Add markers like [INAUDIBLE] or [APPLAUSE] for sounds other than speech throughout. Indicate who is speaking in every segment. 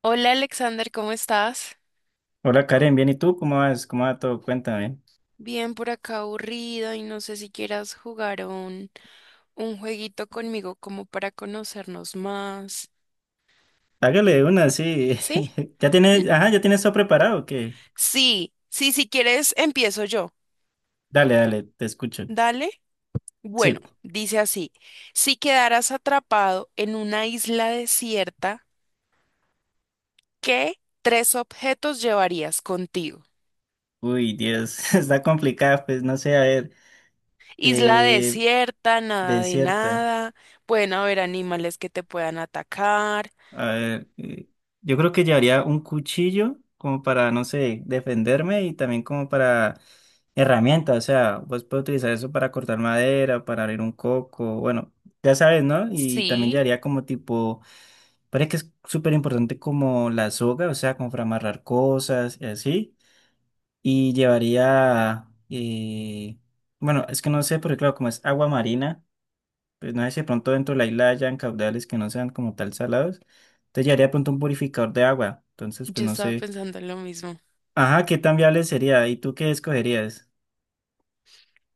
Speaker 1: Hola Alexander, ¿cómo estás?
Speaker 2: Hola Karen, bien, ¿y tú? ¿Cómo vas? ¿Cómo va todo? Cuéntame.
Speaker 1: Bien por acá aburrida y no sé si quieras jugar a un jueguito conmigo como para conocernos más.
Speaker 2: Hágale una, sí.
Speaker 1: ¿Sí?
Speaker 2: [LAUGHS] ¿Ya
Speaker 1: L-
Speaker 2: tienes, ajá, ya tienes todo preparado? ¿O qué?
Speaker 1: Sí, sí, si quieres empiezo yo.
Speaker 2: Dale, dale, te escucho.
Speaker 1: Dale. Bueno,
Speaker 2: Sí.
Speaker 1: dice así, si quedaras atrapado en una isla desierta, ¿qué tres objetos llevarías contigo?
Speaker 2: Uy, Dios, [LAUGHS] está complicada, pues no sé, a ver.
Speaker 1: Isla
Speaker 2: Eh,
Speaker 1: desierta, nada de
Speaker 2: desierta.
Speaker 1: nada, pueden haber animales que te puedan atacar.
Speaker 2: A ver, yo creo que llevaría un cuchillo como para, no sé, defenderme y también como para herramienta, o sea, vos puedes utilizar eso para cortar madera, para abrir un coco, bueno, ya sabes, ¿no? Y también
Speaker 1: Sí.
Speaker 2: llevaría como tipo. Parece que es súper importante como la soga, o sea, como para amarrar cosas y así. Y llevaría, bueno, es que no sé, porque claro, como es agua marina, pues no sé si de pronto dentro de la isla hayan caudales que no sean como tal salados. Entonces llevaría de pronto un purificador de agua. Entonces, pues
Speaker 1: Yo
Speaker 2: no
Speaker 1: estaba
Speaker 2: sé.
Speaker 1: pensando en lo mismo.
Speaker 2: Ajá, ¿qué tan viable sería? ¿Y tú qué escogerías?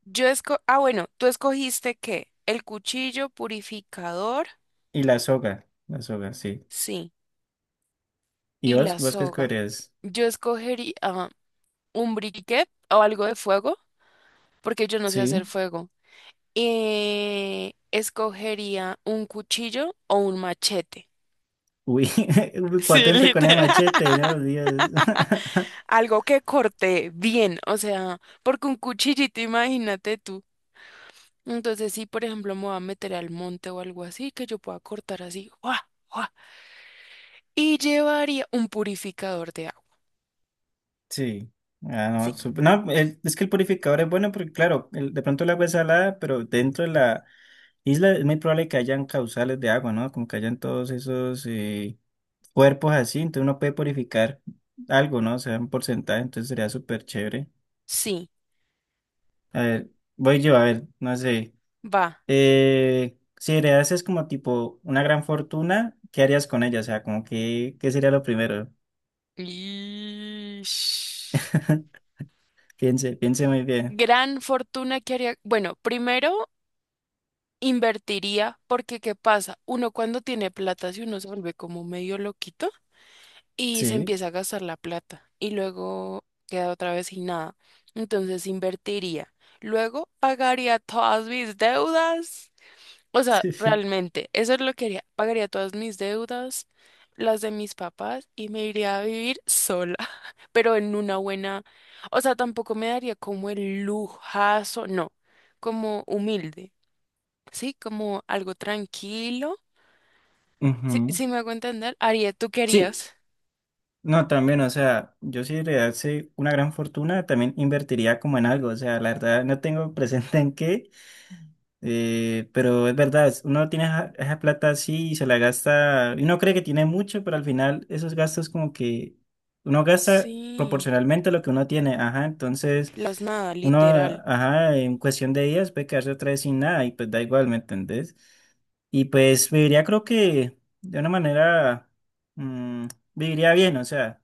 Speaker 1: Ah, bueno, ¿tú escogiste qué? El cuchillo purificador,
Speaker 2: Y la soga, sí.
Speaker 1: sí,
Speaker 2: ¿Y
Speaker 1: y
Speaker 2: vos?
Speaker 1: la
Speaker 2: ¿Vos qué
Speaker 1: soga.
Speaker 2: escogerías?
Speaker 1: Yo escogería un briquet o algo de fuego, porque yo no sé hacer
Speaker 2: Sí.
Speaker 1: fuego. Escogería un cuchillo o un machete.
Speaker 2: Uy, [LAUGHS]
Speaker 1: Sí,
Speaker 2: potente con el
Speaker 1: literal.
Speaker 2: machete, ¿no? Dios.
Speaker 1: [LAUGHS]
Speaker 2: [LAUGHS]
Speaker 1: Algo que corte bien, o sea, porque un cuchillito, imagínate. Entonces, si por ejemplo me voy a meter al monte o algo así, que yo pueda cortar así, ¡guau! ¡Guau! Y llevaría un purificador de agua.
Speaker 2: Sí. Ah, no,
Speaker 1: Sí.
Speaker 2: sup- no, el- es que el purificador es bueno porque, claro, el- de pronto el agua es salada, pero dentro de la isla es muy probable que hayan causales de agua, ¿no? Como que hayan todos esos cuerpos así, entonces uno puede purificar algo, ¿no? O sea, un porcentaje, entonces sería súper chévere.
Speaker 1: Sí,
Speaker 2: A ver, voy yo, a ver, no sé.
Speaker 1: va.
Speaker 2: Si heredases como tipo una gran fortuna, ¿qué harías con ella? O sea, como que, ¿qué sería lo primero?
Speaker 1: Ish.
Speaker 2: [LAUGHS] Piense, piense muy bien.
Speaker 1: Gran fortuna que haría. Bueno, primero invertiría, porque ¿qué pasa? Uno cuando tiene plata, si uno se vuelve como medio loquito y se
Speaker 2: Sí.
Speaker 1: empieza a gastar la plata y luego queda otra vez sin nada. Entonces invertiría. Luego pagaría todas mis deudas. O sea,
Speaker 2: [LAUGHS]
Speaker 1: realmente, eso es lo que haría. Pagaría todas mis deudas, las de mis papás y me iría a vivir sola, [LAUGHS] pero en una buena... O sea, tampoco me daría como el lujazo, no, como humilde, ¿sí? Como algo tranquilo. Sí,
Speaker 2: Ujú.
Speaker 1: sí me hago entender, haría, ¿tú
Speaker 2: Sí,
Speaker 1: querías?
Speaker 2: no, también, o sea, yo si heredase una gran fortuna, también invertiría como en algo, o sea, la verdad no tengo [LAUGHS] presente en qué, pero es verdad, es- uno tiene esa, esa plata así y se la gasta, y uno cree que tiene mucho, pero al final esos gastos como que uno gasta
Speaker 1: Sí.
Speaker 2: proporcionalmente a lo que uno tiene, ajá, entonces
Speaker 1: Las nada,
Speaker 2: uno,
Speaker 1: literal.
Speaker 2: ajá, en cuestión de días puede quedarse otra vez sin nada y pues da igual, ¿me entendés? Y pues viviría creo que de una manera... mm, viviría bien, o sea,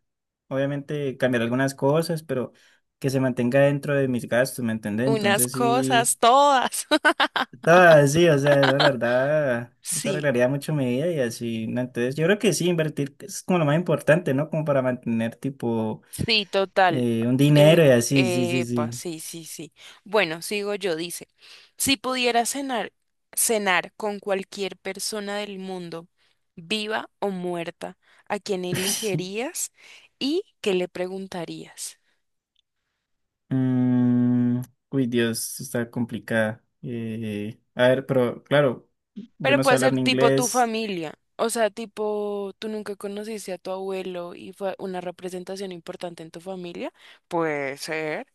Speaker 2: obviamente cambiar algunas cosas, pero que se mantenga dentro de mis gastos, ¿me entendés?
Speaker 1: Unas
Speaker 2: Entonces sí,
Speaker 1: cosas, todas. [LAUGHS]
Speaker 2: estaba sí, o sea, la verdad, eso
Speaker 1: Sí,
Speaker 2: arreglaría mucho mi vida y así, ¿no? Entonces yo creo que sí, invertir es como lo más importante, ¿no? Como para mantener tipo
Speaker 1: sí, total.
Speaker 2: un dinero y así, sí, sí,
Speaker 1: Epa,
Speaker 2: sí.
Speaker 1: sí, sí, sí. Bueno, sigo yo, dice. Si pudiera cenar, cenar con cualquier persona del mundo, viva o muerta, ¿a quién
Speaker 2: [LAUGHS]
Speaker 1: elegirías y qué le preguntarías?
Speaker 2: Mm, uy, Dios, está complicada. A ver, pero claro, yo
Speaker 1: Pero
Speaker 2: no sé
Speaker 1: puede
Speaker 2: hablar
Speaker 1: ser
Speaker 2: ni
Speaker 1: tipo tu
Speaker 2: inglés.
Speaker 1: familia. O sea, tipo, tú nunca conociste a tu abuelo y fue una representación importante en tu familia. Puede ser.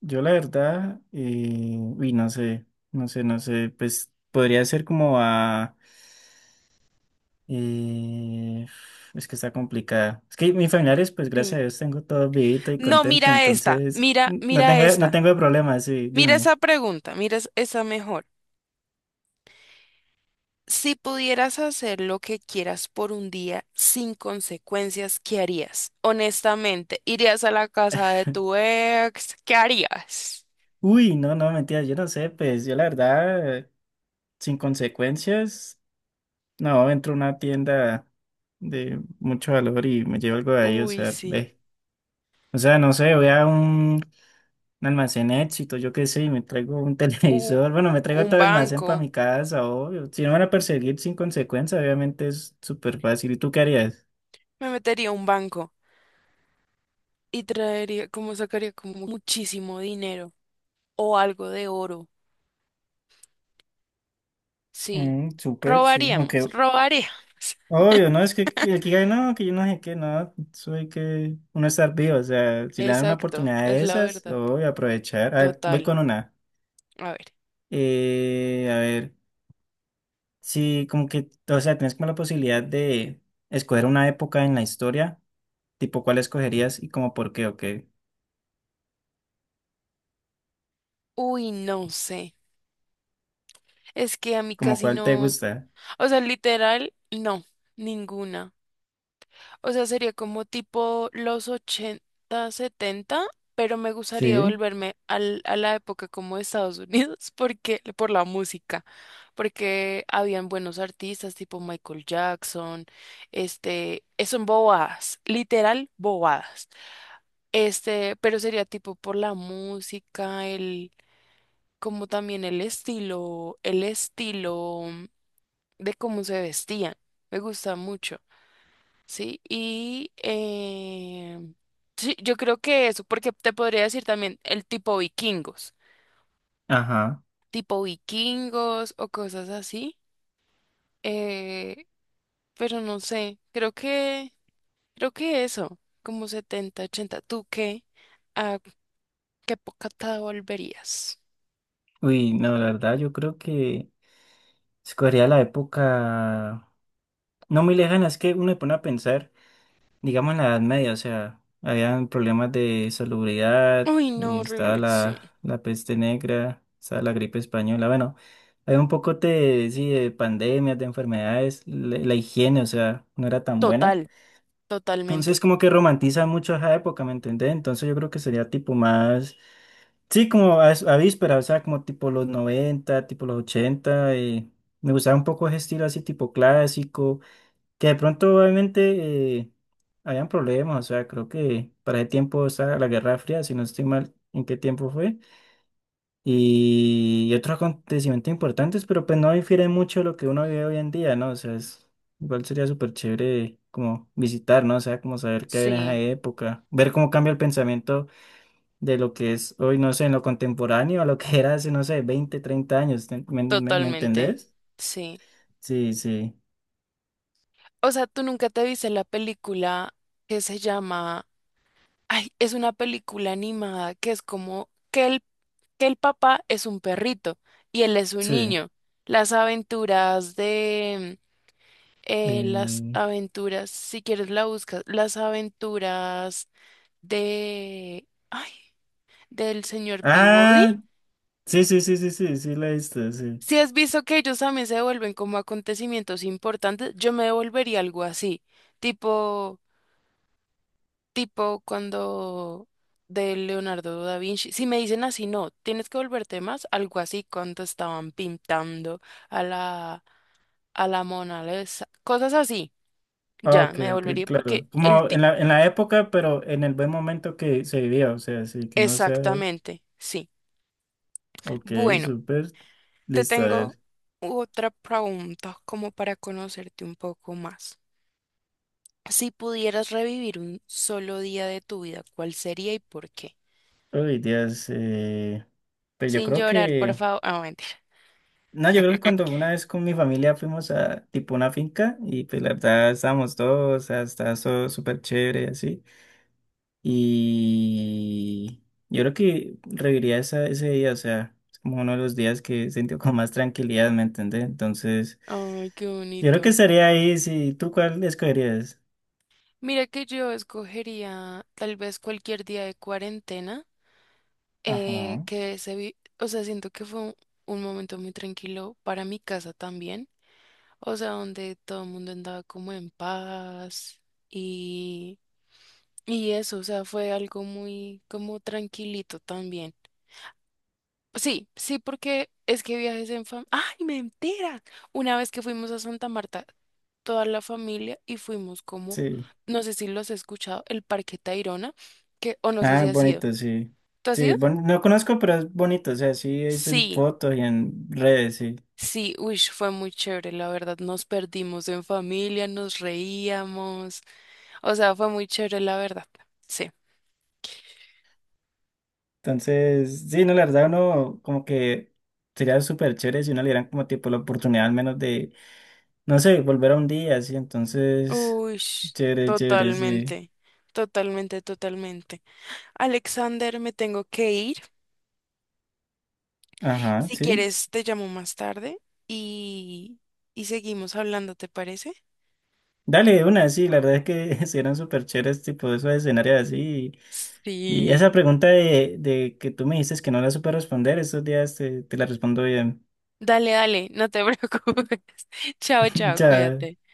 Speaker 2: Yo la verdad, uy, no sé, no sé, pues podría ser como a... eh, es que está complicada. Es que mis familiares, pues gracias
Speaker 1: Sí.
Speaker 2: a Dios, tengo todo vivito y
Speaker 1: No,
Speaker 2: contento, entonces n- no
Speaker 1: mira
Speaker 2: tengo, no
Speaker 1: esta.
Speaker 2: tengo problemas, sí,
Speaker 1: Mira
Speaker 2: dime.
Speaker 1: esa pregunta, mira esa mejor. Si pudieras hacer lo que quieras por un día sin consecuencias, ¿qué harías? Honestamente, ¿irías a la casa de tu ex? ¿Qué harías?
Speaker 2: Uy, no, no, mentira, yo no sé, pues yo la verdad, sin consecuencias, no, entro a una tienda de mucho valor y me llevo algo de ahí, o
Speaker 1: Uy,
Speaker 2: sea,
Speaker 1: sí.
Speaker 2: ve. O sea, no sé, voy a un almacén éxito, yo qué sé, y me traigo un [LAUGHS]
Speaker 1: U-
Speaker 2: televisor, bueno, me traigo
Speaker 1: un
Speaker 2: todo el almacén para
Speaker 1: banco.
Speaker 2: mi casa, obvio. Si no me van a perseguir sin consecuencia, obviamente es súper fácil. ¿Y tú qué harías?
Speaker 1: Me metería a un banco y traería, como sacaría como muchísimo dinero o algo de oro. Sí.
Speaker 2: Mm, súper, sí.
Speaker 1: Robaríamos,
Speaker 2: Aunque,
Speaker 1: robaríamos. [LAUGHS]
Speaker 2: obvio, no, es que el que hay, no, que yo no sé qué, no, soy que uno estar vivo, o sea, si le dan una
Speaker 1: Exacto,
Speaker 2: oportunidad
Speaker 1: es
Speaker 2: de
Speaker 1: la
Speaker 2: esas,
Speaker 1: verdad.
Speaker 2: obvio aprovechar. A ver, voy
Speaker 1: Total.
Speaker 2: con una.
Speaker 1: A ver.
Speaker 2: A ver, sí, como que, o sea, tienes como la posibilidad de escoger una época en la historia, tipo cuál escogerías y como por qué, ok.
Speaker 1: Uy, no sé. Es que a mí
Speaker 2: ¿Como
Speaker 1: casi
Speaker 2: cuál te
Speaker 1: no.
Speaker 2: gusta?
Speaker 1: O sea, literal, no. Ninguna. O sea, sería como tipo los 80, 70, pero me gustaría
Speaker 2: Sí.
Speaker 1: volverme a la época como de Estados Unidos [LAUGHS] porque, por la música. Porque habían buenos artistas tipo Michael Jackson. Este, son bobadas. Literal, bobadas. Este, pero sería tipo por la música, el como también el estilo de cómo se vestían. Me gusta mucho, ¿sí? Y sí, yo creo que eso, porque te podría decir también el
Speaker 2: Ajá.
Speaker 1: tipo vikingos o cosas así, eh, pero no sé, creo que eso, como 70 80 ¿tú qué? ¿A qué época te volverías?
Speaker 2: Uy, no, la verdad, yo creo que escogería la época no muy lejana, es que uno se pone a pensar, digamos en la Edad Media, o sea, habían problemas de salubridad,
Speaker 1: Uy, no,
Speaker 2: y estaba
Speaker 1: horrible, sí.
Speaker 2: la peste negra, estaba la gripe española, bueno, había un poco de, sí, de pandemias, de enfermedades, la higiene, o sea, no era tan buena.
Speaker 1: Total,
Speaker 2: Entonces
Speaker 1: totalmente.
Speaker 2: como que romantiza mucho esa época, ¿me entendés? Entonces yo creo que sería tipo más, sí, como a víspera, o sea, como tipo los 90, tipo los 80. Me gustaba un poco ese estilo así tipo clásico, que de pronto obviamente habían problemas, o sea, creo que para ese tiempo, o sea, la Guerra Fría, si no estoy mal, ¿en qué tiempo fue? Y otros acontecimientos importantes, pero pues no difiere mucho de lo que uno vive hoy en día, ¿no? O sea, es, igual sería súper chévere como visitar, ¿no? O sea, como saber qué había en esa
Speaker 1: Sí.
Speaker 2: época, ver cómo cambia el pensamiento de lo que es hoy, no sé, en lo contemporáneo, a lo que era hace, no sé, 20 30 años, ¿te- me
Speaker 1: Totalmente,
Speaker 2: entendés?
Speaker 1: sí.
Speaker 2: Sí, sí,
Speaker 1: O sea, tú nunca te viste la película que se llama, ay, es una película animada que es como que el papá es un perrito y él es un
Speaker 2: sí.
Speaker 1: niño. Las aventuras de, las
Speaker 2: eh,
Speaker 1: aventuras, si quieres la buscas, las aventuras de, ay, del señor Peabody.
Speaker 2: ah, sí, sí, sí, sí, sí, sí, la he visto, sí.
Speaker 1: Si has visto que ellos también se vuelven como acontecimientos importantes, yo me devolvería algo así, tipo... Tipo cuando de Leonardo da Vinci, si me dicen así, no, tienes que volverte más, algo así cuando estaban pintando a la, a la Mona Lisa, cosas así,
Speaker 2: Ah,
Speaker 1: ya,
Speaker 2: ok,
Speaker 1: me
Speaker 2: ok,
Speaker 1: devolvería porque
Speaker 2: claro. Como en en la época, pero en el buen momento que se vivía, o sea, sí, que no sea.
Speaker 1: exactamente, sí.
Speaker 2: Ok,
Speaker 1: Bueno,
Speaker 2: súper.
Speaker 1: te
Speaker 2: Listo, a
Speaker 1: tengo
Speaker 2: ver.
Speaker 1: otra pregunta como para conocerte un poco más. Si pudieras revivir un solo día de tu vida, ¿cuál sería y por qué?
Speaker 2: Uy, Dios. Pues yo
Speaker 1: Sin
Speaker 2: creo
Speaker 1: llorar, por
Speaker 2: que.
Speaker 1: favor. Ah, mentira.
Speaker 2: No, yo creo que cuando una vez con mi familia fuimos a tipo una finca y pues la verdad estábamos todos, o sea, estaba todo súper chévere y así. Y yo creo que reviviría esa, ese día, o sea, es como uno de los días que sentí con más tranquilidad, ¿me entendés? Entonces.
Speaker 1: Ay, qué
Speaker 2: Yo creo que
Speaker 1: bonito.
Speaker 2: estaría ahí, si ¿tú cuál escogerías?
Speaker 1: Mira que yo escogería tal vez cualquier día de cuarentena,
Speaker 2: Ajá,
Speaker 1: o sea, siento que fue un momento muy tranquilo para mi casa también, o sea, donde todo el mundo andaba como en paz y, y eso, o sea, fue algo muy como tranquilito también. Sí, sí, porque es que viajes en familia. ¡Ay, mentira! Una vez que fuimos a Santa Marta, toda la familia y fuimos como,
Speaker 2: sí.
Speaker 1: no sé si los he escuchado, el Parque Tayrona, que, o no sé si
Speaker 2: Ah,
Speaker 1: has ido.
Speaker 2: bonito, sí.
Speaker 1: ¿Tú has
Speaker 2: Sí,
Speaker 1: ido?
Speaker 2: bon- no conozco, pero es bonito, o sea, sí es en
Speaker 1: Sí,
Speaker 2: fotos y en redes, sí.
Speaker 1: sí, uy, fue muy chévere, la verdad. Nos perdimos en familia, nos reíamos. O sea, fue muy chévere, la verdad. Sí.
Speaker 2: Entonces, sí, no, la verdad, uno como que sería súper chévere si uno le dieran como tipo la oportunidad al menos de, no sé, volver a un día, así, entonces,
Speaker 1: Uy,
Speaker 2: chévere, chévere, sí.
Speaker 1: totalmente, totalmente, totalmente. Alexander, me tengo que ir.
Speaker 2: Ajá,
Speaker 1: Si
Speaker 2: sí.
Speaker 1: quieres, te llamo más tarde y, y seguimos hablando, ¿te parece?
Speaker 2: Dale, de una, sí, la verdad es que [LAUGHS] serían súper chéveres, tipo, esos escenarios así, y esa
Speaker 1: Sí.
Speaker 2: pregunta de que tú me dices que no la supe responder, estos días te la respondo bien.
Speaker 1: Dale, dale, no te [LAUGHS] preocupes. Chao, chao,
Speaker 2: [LAUGHS] Ya,
Speaker 1: cuídate.